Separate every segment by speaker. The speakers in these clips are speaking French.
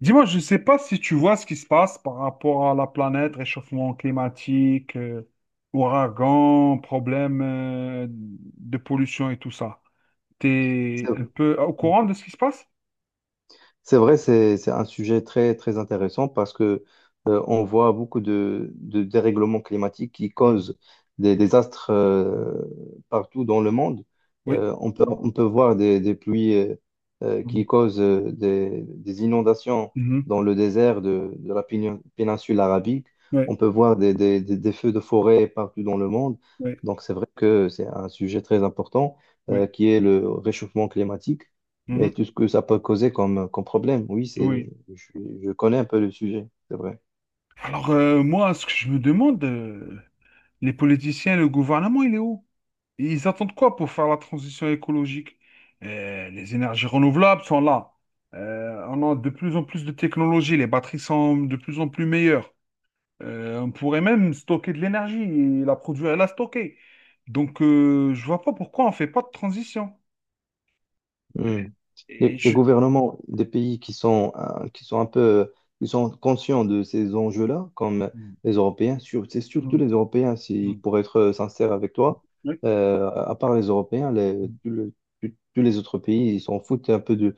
Speaker 1: Dis-moi, je ne sais pas si tu vois ce qui se passe par rapport à la planète, réchauffement climatique, ouragan, problème de pollution et tout ça. Tu es
Speaker 2: Ça-
Speaker 1: un peu au courant de ce qui se passe?
Speaker 2: C'est vrai, c'est un sujet très, très intéressant parce que on voit beaucoup de dérèglements climatiques qui
Speaker 1: Mm.
Speaker 2: causent des désastres
Speaker 1: Mm.
Speaker 2: partout dans le monde.
Speaker 1: Oui.
Speaker 2: On peut voir des pluies
Speaker 1: Mm.
Speaker 2: qui causent des inondations
Speaker 1: Mhm.
Speaker 2: dans le désert de la péninsule arabique.
Speaker 1: Oui.
Speaker 2: On peut voir des feux de forêt partout dans le monde.
Speaker 1: Oui.
Speaker 2: Donc c'est vrai que c'est un sujet très important
Speaker 1: Oui.
Speaker 2: qui est le réchauffement climatique. Mais
Speaker 1: Mhm.
Speaker 2: tout ce que ça peut causer comme, problème, oui, c'est,
Speaker 1: Oui.
Speaker 2: je connais un peu le sujet, c'est vrai.
Speaker 1: Alors, moi, ce que je me demande, les politiciens, le gouvernement, il est où? Ils attendent quoi pour faire la transition écologique? Les énergies renouvelables sont là. On a de plus en plus de technologies, les batteries sont de plus en plus meilleures. On pourrait même stocker de l'énergie et la produire et la stocker. Donc, je vois pas pourquoi on fait pas de transition.
Speaker 2: Hmm.
Speaker 1: Et
Speaker 2: Les
Speaker 1: je...
Speaker 2: gouvernements des pays qui sont conscients de ces enjeux-là, comme
Speaker 1: Mm,
Speaker 2: les Européens, c'est surtout
Speaker 1: mm,
Speaker 2: les Européens, si,
Speaker 1: mm,
Speaker 2: pour être sincère avec toi,
Speaker 1: oui,
Speaker 2: à part les Européens,
Speaker 1: mm,
Speaker 2: tous les autres pays, ils s'en foutent un peu de,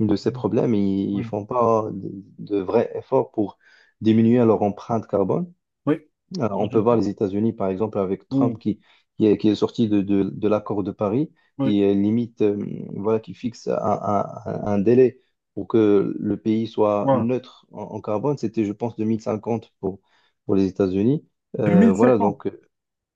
Speaker 2: de ces
Speaker 1: mm,
Speaker 2: problèmes, et ils
Speaker 1: oui,
Speaker 2: font pas de vrais efforts pour diminuer leur empreinte carbone.
Speaker 1: oui,
Speaker 2: On
Speaker 1: je
Speaker 2: peut
Speaker 1: le
Speaker 2: voir
Speaker 1: sais.
Speaker 2: les États-Unis, par exemple, avec Trump
Speaker 1: Oui,
Speaker 2: qui est sorti de l'accord de Paris,
Speaker 1: oui,
Speaker 2: qui euh, limite, euh, voilà, qui fixe un délai pour que le pays soit
Speaker 1: voilà.
Speaker 2: neutre en carbone. C'était, je pense, 2050 pour les États-Unis. Voilà,
Speaker 1: 2050.
Speaker 2: donc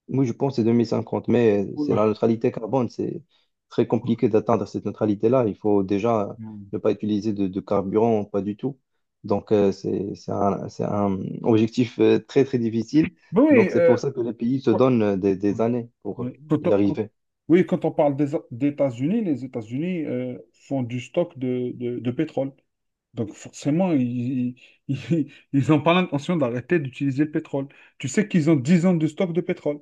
Speaker 2: moi, je pense que c'est 2050, mais c'est la
Speaker 1: Oula.
Speaker 2: neutralité carbone. C'est très compliqué d'atteindre cette neutralité-là. Il faut déjà
Speaker 1: Mm.
Speaker 2: ne pas utiliser de carburant, pas du tout. Donc, c'est un objectif très, très difficile.
Speaker 1: Oui,
Speaker 2: Donc, c'est pour ça que les pays se donnent des
Speaker 1: quoi-
Speaker 2: années pour
Speaker 1: oui,
Speaker 2: y arriver.
Speaker 1: oui, quand on parle des États-Unis, les États-Unis font du stock de pétrole. Donc forcément, ils, ils n'ont pas l'intention d'arrêter d'utiliser le pétrole. Tu sais qu'ils ont 10 ans de stock de pétrole.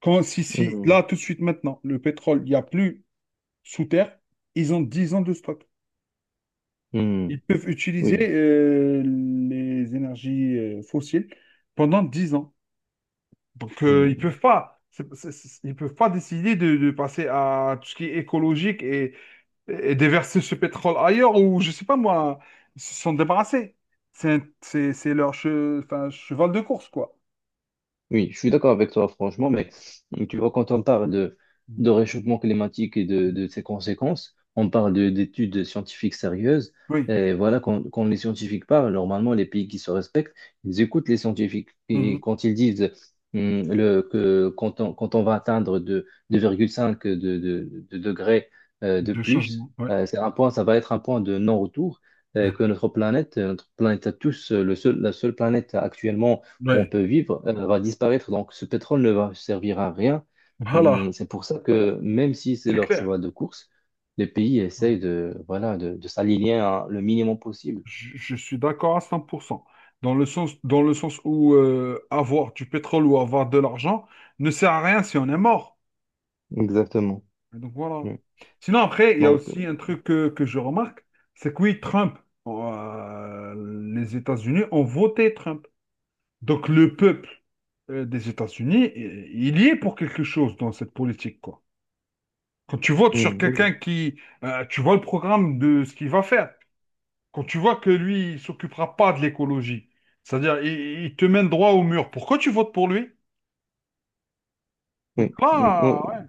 Speaker 1: Si, si,
Speaker 2: Mhm.
Speaker 1: là, tout de suite, maintenant, le pétrole, il n'y a plus sous terre, ils ont 10 ans de stock. Ils
Speaker 2: Mhm.
Speaker 1: peuvent utiliser les énergies fossiles pendant 10 ans. Donc, ils
Speaker 2: Oui.
Speaker 1: peuvent pas, ils peuvent pas décider de passer à tout ce qui est écologique et déverser ce pétrole ailleurs ou, je sais pas moi, ils se sont débarrassés. C'est leur cheval de course, quoi.
Speaker 2: Oui, je suis d'accord avec toi, franchement,
Speaker 1: Mm.
Speaker 2: mais tu vois, quand on parle de,
Speaker 1: Mm.
Speaker 2: de réchauffement climatique et de ses conséquences, on parle d'études scientifiques sérieuses.
Speaker 1: Oui.
Speaker 2: Et voilà, quand, quand les scientifiques parlent, normalement, les pays qui se respectent, ils écoutent les scientifiques. Et
Speaker 1: Mhm.
Speaker 2: quand ils disent que quand on va atteindre 2,5 de degrés de
Speaker 1: De
Speaker 2: plus,
Speaker 1: changement, ouais.
Speaker 2: c'est un point, ça va être un point de non-retour, que notre planète à tous, la seule planète actuellement où on
Speaker 1: Ouais.
Speaker 2: peut vivre, va disparaître. Donc, ce pétrole ne va servir à rien.
Speaker 1: Voilà,
Speaker 2: C'est pour ça que même si c'est
Speaker 1: c'est
Speaker 2: leur
Speaker 1: clair.
Speaker 2: cheval de course, les pays essayent de, voilà, de s'aligner à le minimum possible.
Speaker 1: Je suis d'accord à 100%. Dans le sens où avoir du pétrole ou avoir de l'argent ne sert à rien si on est mort.
Speaker 2: Exactement.
Speaker 1: Donc voilà.
Speaker 2: Mm.
Speaker 1: Sinon, après, il y a
Speaker 2: Donc,
Speaker 1: aussi un truc que je remarque, c'est que oui, Trump, euh, les États-Unis ont voté Trump. Donc le peuple des États-Unis, il y est pour quelque chose dans cette politique, quoi. Quand tu votes sur quelqu'un
Speaker 2: oui,
Speaker 1: qui, tu vois le programme de ce qu'il va faire. Quand tu vois que lui, il s'occupera pas de l'écologie, c'est-à-dire il te mène droit au mur. Pourquoi tu votes pour lui? Donc
Speaker 2: oui, oui.
Speaker 1: là, ouais.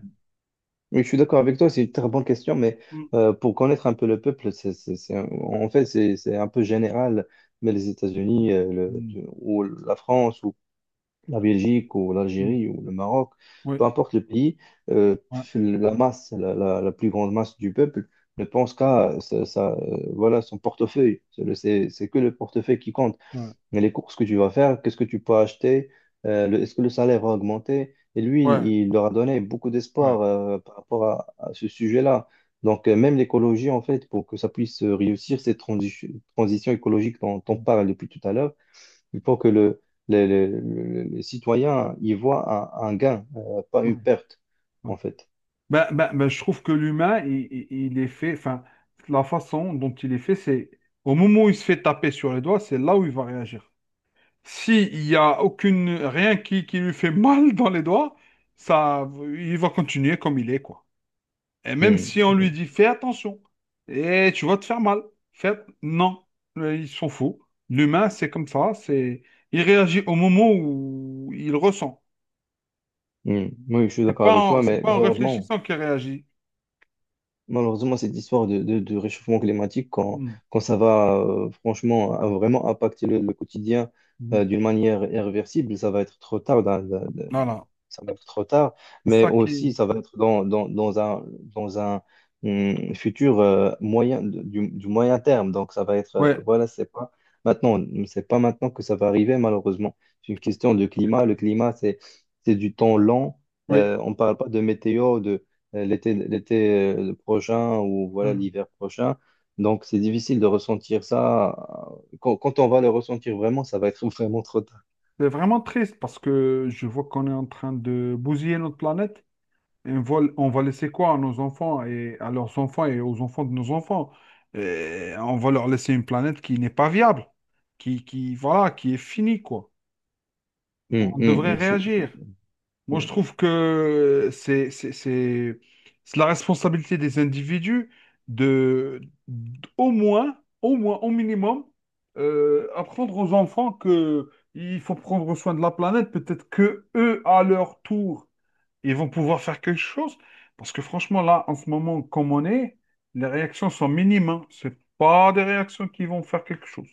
Speaker 2: Oui, je suis d'accord avec toi, c'est une très bonne question, mais
Speaker 1: Mm,
Speaker 2: pour connaître un peu le peuple, en fait, c'est un peu général, mais les
Speaker 1: mm,
Speaker 2: États-Unis
Speaker 1: mm,
Speaker 2: ou la France, la Belgique ou
Speaker 1: mm.
Speaker 2: l'Algérie ou le Maroc, peu
Speaker 1: Oui,
Speaker 2: importe le pays, euh,
Speaker 1: ouais,
Speaker 2: la masse, la plus grande masse du peuple ne pense qu'à voilà, son portefeuille. C'est que le portefeuille qui compte.
Speaker 1: ouais,
Speaker 2: Mais les courses que tu vas faire, qu'est-ce que tu peux acheter, est-ce que le salaire va augmenter? Et lui,
Speaker 1: ouais,
Speaker 2: il leur a donné beaucoup
Speaker 1: ouais.
Speaker 2: d'espoir par rapport à ce sujet-là. Donc, même l'écologie, en fait, pour que ça puisse réussir, cette transition écologique dont on parle depuis tout à l'heure, il faut que le citoyen y voit un gain, pas
Speaker 1: Ouais,
Speaker 2: une perte,
Speaker 1: ouais.
Speaker 2: en fait.
Speaker 1: Bah, bah, bah, je trouve que l'humain, il est fait, enfin, la façon dont il est fait, c'est au moment où il se fait taper sur les doigts, c'est là où il va réagir. S'il n'y a aucune, rien qui lui fait mal dans les doigts, ça, il va continuer comme il est, quoi. Et même
Speaker 2: Hmm,
Speaker 1: si on lui
Speaker 2: hmm,
Speaker 1: dit, fais attention, et tu vas te faire mal, fais, non, il s'en fout. L'humain, c'est comme ça, c'est, il réagit au moment où il ressent.
Speaker 2: hmm. Oui, je suis d'accord avec toi,
Speaker 1: C'est
Speaker 2: mais
Speaker 1: pas en
Speaker 2: malheureusement,
Speaker 1: réfléchissant qu'il réagit.
Speaker 2: cette histoire de réchauffement climatique, quand ça va franchement vraiment impacter le quotidien
Speaker 1: Mhm.
Speaker 2: d'une manière irréversible, ça va être trop tard.
Speaker 1: Voilà.
Speaker 2: Ça va être trop tard,
Speaker 1: C'est
Speaker 2: mais
Speaker 1: ça qui.
Speaker 2: aussi ça va être dans un futur moyen, du moyen terme. Donc ça va être,
Speaker 1: Ouais,
Speaker 2: voilà, maintenant, c'est pas maintenant, que ça va arriver, malheureusement. C'est une question de climat. Le climat, c'est du temps lent.
Speaker 1: oui.
Speaker 2: On parle pas de météo, de l'été, l'été prochain ou voilà
Speaker 1: Mm.
Speaker 2: l'hiver prochain. Donc c'est difficile de ressentir ça. Quand on va le ressentir vraiment, ça va être vraiment trop tard.
Speaker 1: C'est vraiment triste parce que je vois qu'on est en train de bousiller notre planète. Et on va laisser quoi à nos enfants et à leurs enfants et aux enfants de nos enfants? Et on va leur laisser une planète qui n'est pas viable, voilà, qui est finie, quoi.
Speaker 2: Hum,
Speaker 1: On
Speaker 2: hum,
Speaker 1: devrait
Speaker 2: hum, je suis- je
Speaker 1: réagir.
Speaker 2: suis-
Speaker 1: Moi, je
Speaker 2: hum.
Speaker 1: trouve que c'est la responsabilité des individus de, d- au moins, au moins, au minimum, apprendre aux enfants que il faut prendre soin de la planète. Peut-être que eux, à leur tour, ils vont pouvoir faire quelque chose. Parce que franchement, là, en ce moment, comme on est, les réactions sont minimes. Hein. C'est pas des réactions qui vont faire quelque chose.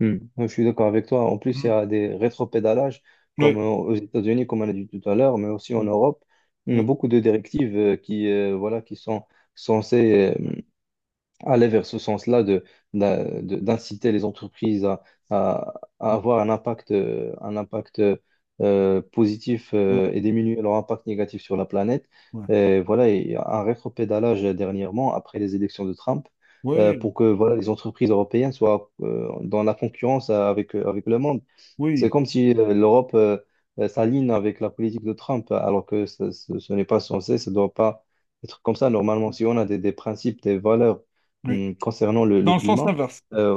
Speaker 2: Hmm. Ouais, je suis d'accord avec toi. En plus, il y
Speaker 1: Mm.
Speaker 2: a des rétropédalages,
Speaker 1: Oui,
Speaker 2: comme aux États-Unis, comme on a dit tout à l'heure, mais aussi en
Speaker 1: oui,
Speaker 2: Europe. Il y a
Speaker 1: oui,
Speaker 2: beaucoup de directives voilà, qui sont censées aller vers ce sens-là de, d'inciter les entreprises à- à avoir un impact positif
Speaker 1: oui,
Speaker 2: et diminuer leur impact négatif sur la planète.
Speaker 1: oui,
Speaker 2: Et voilà, il y a un rétropédalage dernièrement après les élections de Trump pour
Speaker 1: oui,
Speaker 2: que voilà, les entreprises européennes soient dans la concurrence avec le monde. C'est
Speaker 1: oui.
Speaker 2: comme si l'Europe s'aligne avec la politique de Trump, alors que ce n'est pas censé, ça ne doit pas être comme ça. Normalement, si on a des principes, des valeurs,
Speaker 1: Oui.
Speaker 2: Concernant le
Speaker 1: Dans le sens
Speaker 2: climat,
Speaker 1: inverse.
Speaker 2: euh,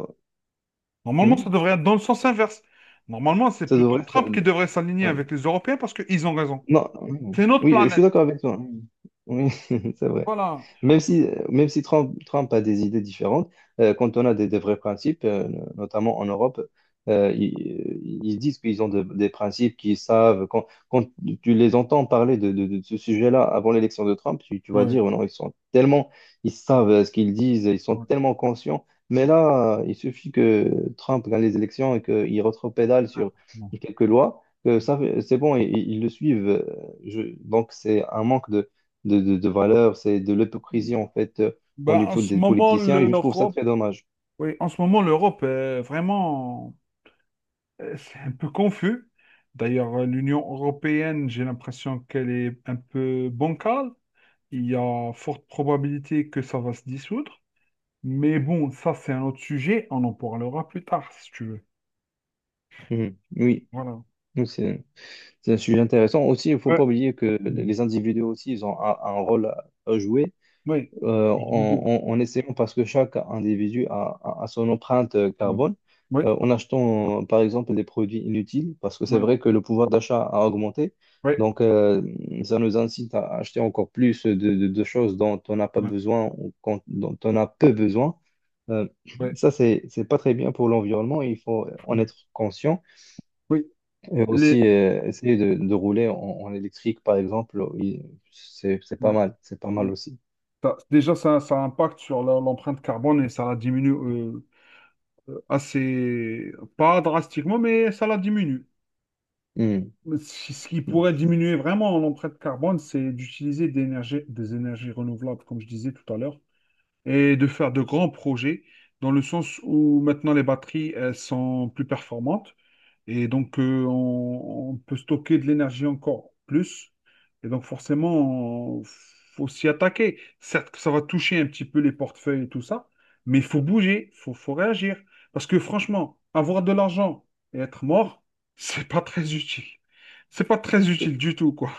Speaker 1: Normalement, ça
Speaker 2: hmm,
Speaker 1: devrait être dans le sens inverse. Normalement, c'est
Speaker 2: ça
Speaker 1: plutôt
Speaker 2: devrait faire-
Speaker 1: Trump qui devrait s'aligner
Speaker 2: ouais.
Speaker 1: avec les Européens parce qu'ils ont raison.
Speaker 2: Non, non.
Speaker 1: C'est notre
Speaker 2: Oui, je suis
Speaker 1: planète.
Speaker 2: d'accord avec toi, hein. Oui, c'est vrai.
Speaker 1: Voilà.
Speaker 2: Même si Trump, a des idées différentes, quand on a des vrais principes, no, notamment en Europe, euh, ils, ils disent qu'ils ont des principes qu'ils savent. Quand tu les entends parler de ce sujet-là avant l'élection de Trump, tu vas
Speaker 1: Ouais.
Speaker 2: dire, oh non, ils sont tellement, ils savent ce qu'ils disent, ils sont
Speaker 1: Ouais.
Speaker 2: tellement conscients. Mais là, il suffit que Trump gagne les élections et qu'il retropédale sur
Speaker 1: Ouais.
Speaker 2: quelques lois c'est bon, ils le suivent. Donc, c'est un manque de valeur, c'est de l'hypocrisie, en fait, au
Speaker 1: Ben, en
Speaker 2: niveau
Speaker 1: ce
Speaker 2: des
Speaker 1: moment,
Speaker 2: politiciens, et je trouve ça
Speaker 1: l'Europe,
Speaker 2: très dommage.
Speaker 1: oui, en ce moment, l'Europe est vraiment, c'est un peu confus. D'ailleurs, l'Union européenne, j'ai l'impression qu'elle est un peu bancale. Il y a forte probabilité que ça va se dissoudre. Mais bon, ça, c'est un autre sujet. On en parlera plus tard, si tu veux.
Speaker 2: Mhm. Oui.
Speaker 1: Voilà.
Speaker 2: Oui, c'est, un sujet intéressant. Aussi, il ne faut
Speaker 1: Ouais.
Speaker 2: pas oublier que les individus aussi, ils ont un rôle à jouer.
Speaker 1: Oui, je
Speaker 2: En,
Speaker 1: disais.
Speaker 2: en- en essayant, parce que chaque individu a son empreinte
Speaker 1: Mm.
Speaker 2: carbone,
Speaker 1: Oui,
Speaker 2: en achetant par exemple des produits inutiles, parce que c'est
Speaker 1: oui,
Speaker 2: vrai que le pouvoir d'achat a augmenté.
Speaker 1: oui,
Speaker 2: Donc, ça nous incite à acheter encore plus de choses dont on n'a pas
Speaker 1: oui,
Speaker 2: besoin ou dont on a peu besoin. Euh,
Speaker 1: oui,
Speaker 2: Ça, c'est pas très bien pour l'environnement. Il faut en
Speaker 1: oui.
Speaker 2: être conscient.
Speaker 1: Oui,
Speaker 2: Et
Speaker 1: les-
Speaker 2: aussi, essayer de rouler en électrique, par exemple, c'est
Speaker 1: oui,
Speaker 2: pas mal. C'est pas mal
Speaker 1: oui.
Speaker 2: aussi.
Speaker 1: Ça- déjà, ça impacte sur la- l'empreinte carbone et ça la diminue assez, pas drastiquement, mais ça la diminue.
Speaker 2: Hmm.
Speaker 1: Mais ce qui pourrait diminuer vraiment l'empreinte carbone, c'est d'utiliser des énergies renouvelables, comme je disais tout à l'heure, et de faire de grands projets, dans le sens où maintenant les batteries, elles sont plus performantes. Et donc, on peut stocker de l'énergie encore plus. Et donc, forcément, il faut s'y attaquer. Certes que ça va toucher un petit peu les portefeuilles et tout ça, mais il faut bouger, faut réagir. Parce que franchement, avoir de l'argent et être mort, c'est pas très utile. C'est pas très utile du tout, quoi.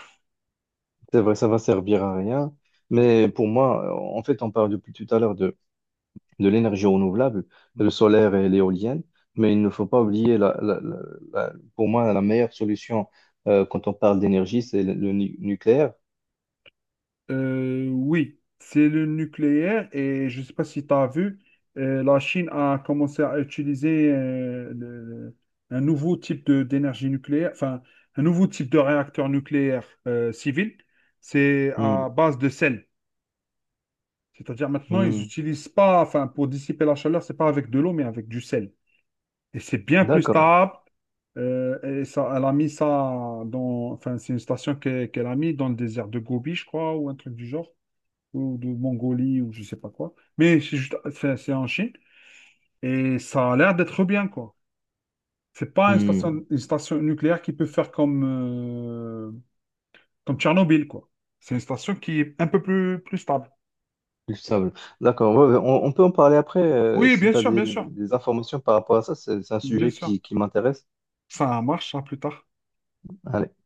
Speaker 2: C'est vrai, ça va servir à rien.
Speaker 1: Ouais.
Speaker 2: Mais pour moi, en fait, on parle depuis tout à l'heure de l'énergie renouvelable, le solaire et l'éolienne,
Speaker 1: Mm.
Speaker 2: mais il ne faut pas oublier, pour moi, la meilleure solution quand on parle d'énergie, c'est le nucléaire.
Speaker 1: Oui, c'est le nucléaire et je ne sais pas si tu as vu, la Chine a commencé à utiliser un nouveau type d'énergie nucléaire, enfin un nouveau type de réacteur nucléaire civil. C'est à
Speaker 2: Hmm,
Speaker 1: base de sel. C'est-à-dire maintenant, ils
Speaker 2: hmm.
Speaker 1: n'utilisent pas, enfin pour dissiper la chaleur, c'est pas avec de l'eau, mais avec du sel. Et c'est bien plus
Speaker 2: D'accord.
Speaker 1: stable. Et ça, elle a mis ça dans, enfin c'est une station qu'elle a mis dans le désert de Gobi, je crois, ou un truc du genre ou de Mongolie ou je sais pas quoi. Mais c'est juste, c'est en Chine et ça a l'air d'être bien quoi. C'est pas une
Speaker 2: Hmm,
Speaker 1: station, une station nucléaire qui peut faire comme comme Tchernobyl quoi. C'est une station qui est un peu plus stable.
Speaker 2: le sable. D'accord. Ouais, ouais, on peut en parler après
Speaker 1: Oui,
Speaker 2: si
Speaker 1: bien
Speaker 2: tu as
Speaker 1: sûr,
Speaker 2: des,
Speaker 1: bien sûr,
Speaker 2: des informations par rapport à ça. C'est un
Speaker 1: bien
Speaker 2: sujet
Speaker 1: sûr.
Speaker 2: qui m'intéresse.
Speaker 1: Ça marche, ça, plus tard.
Speaker 2: Allez.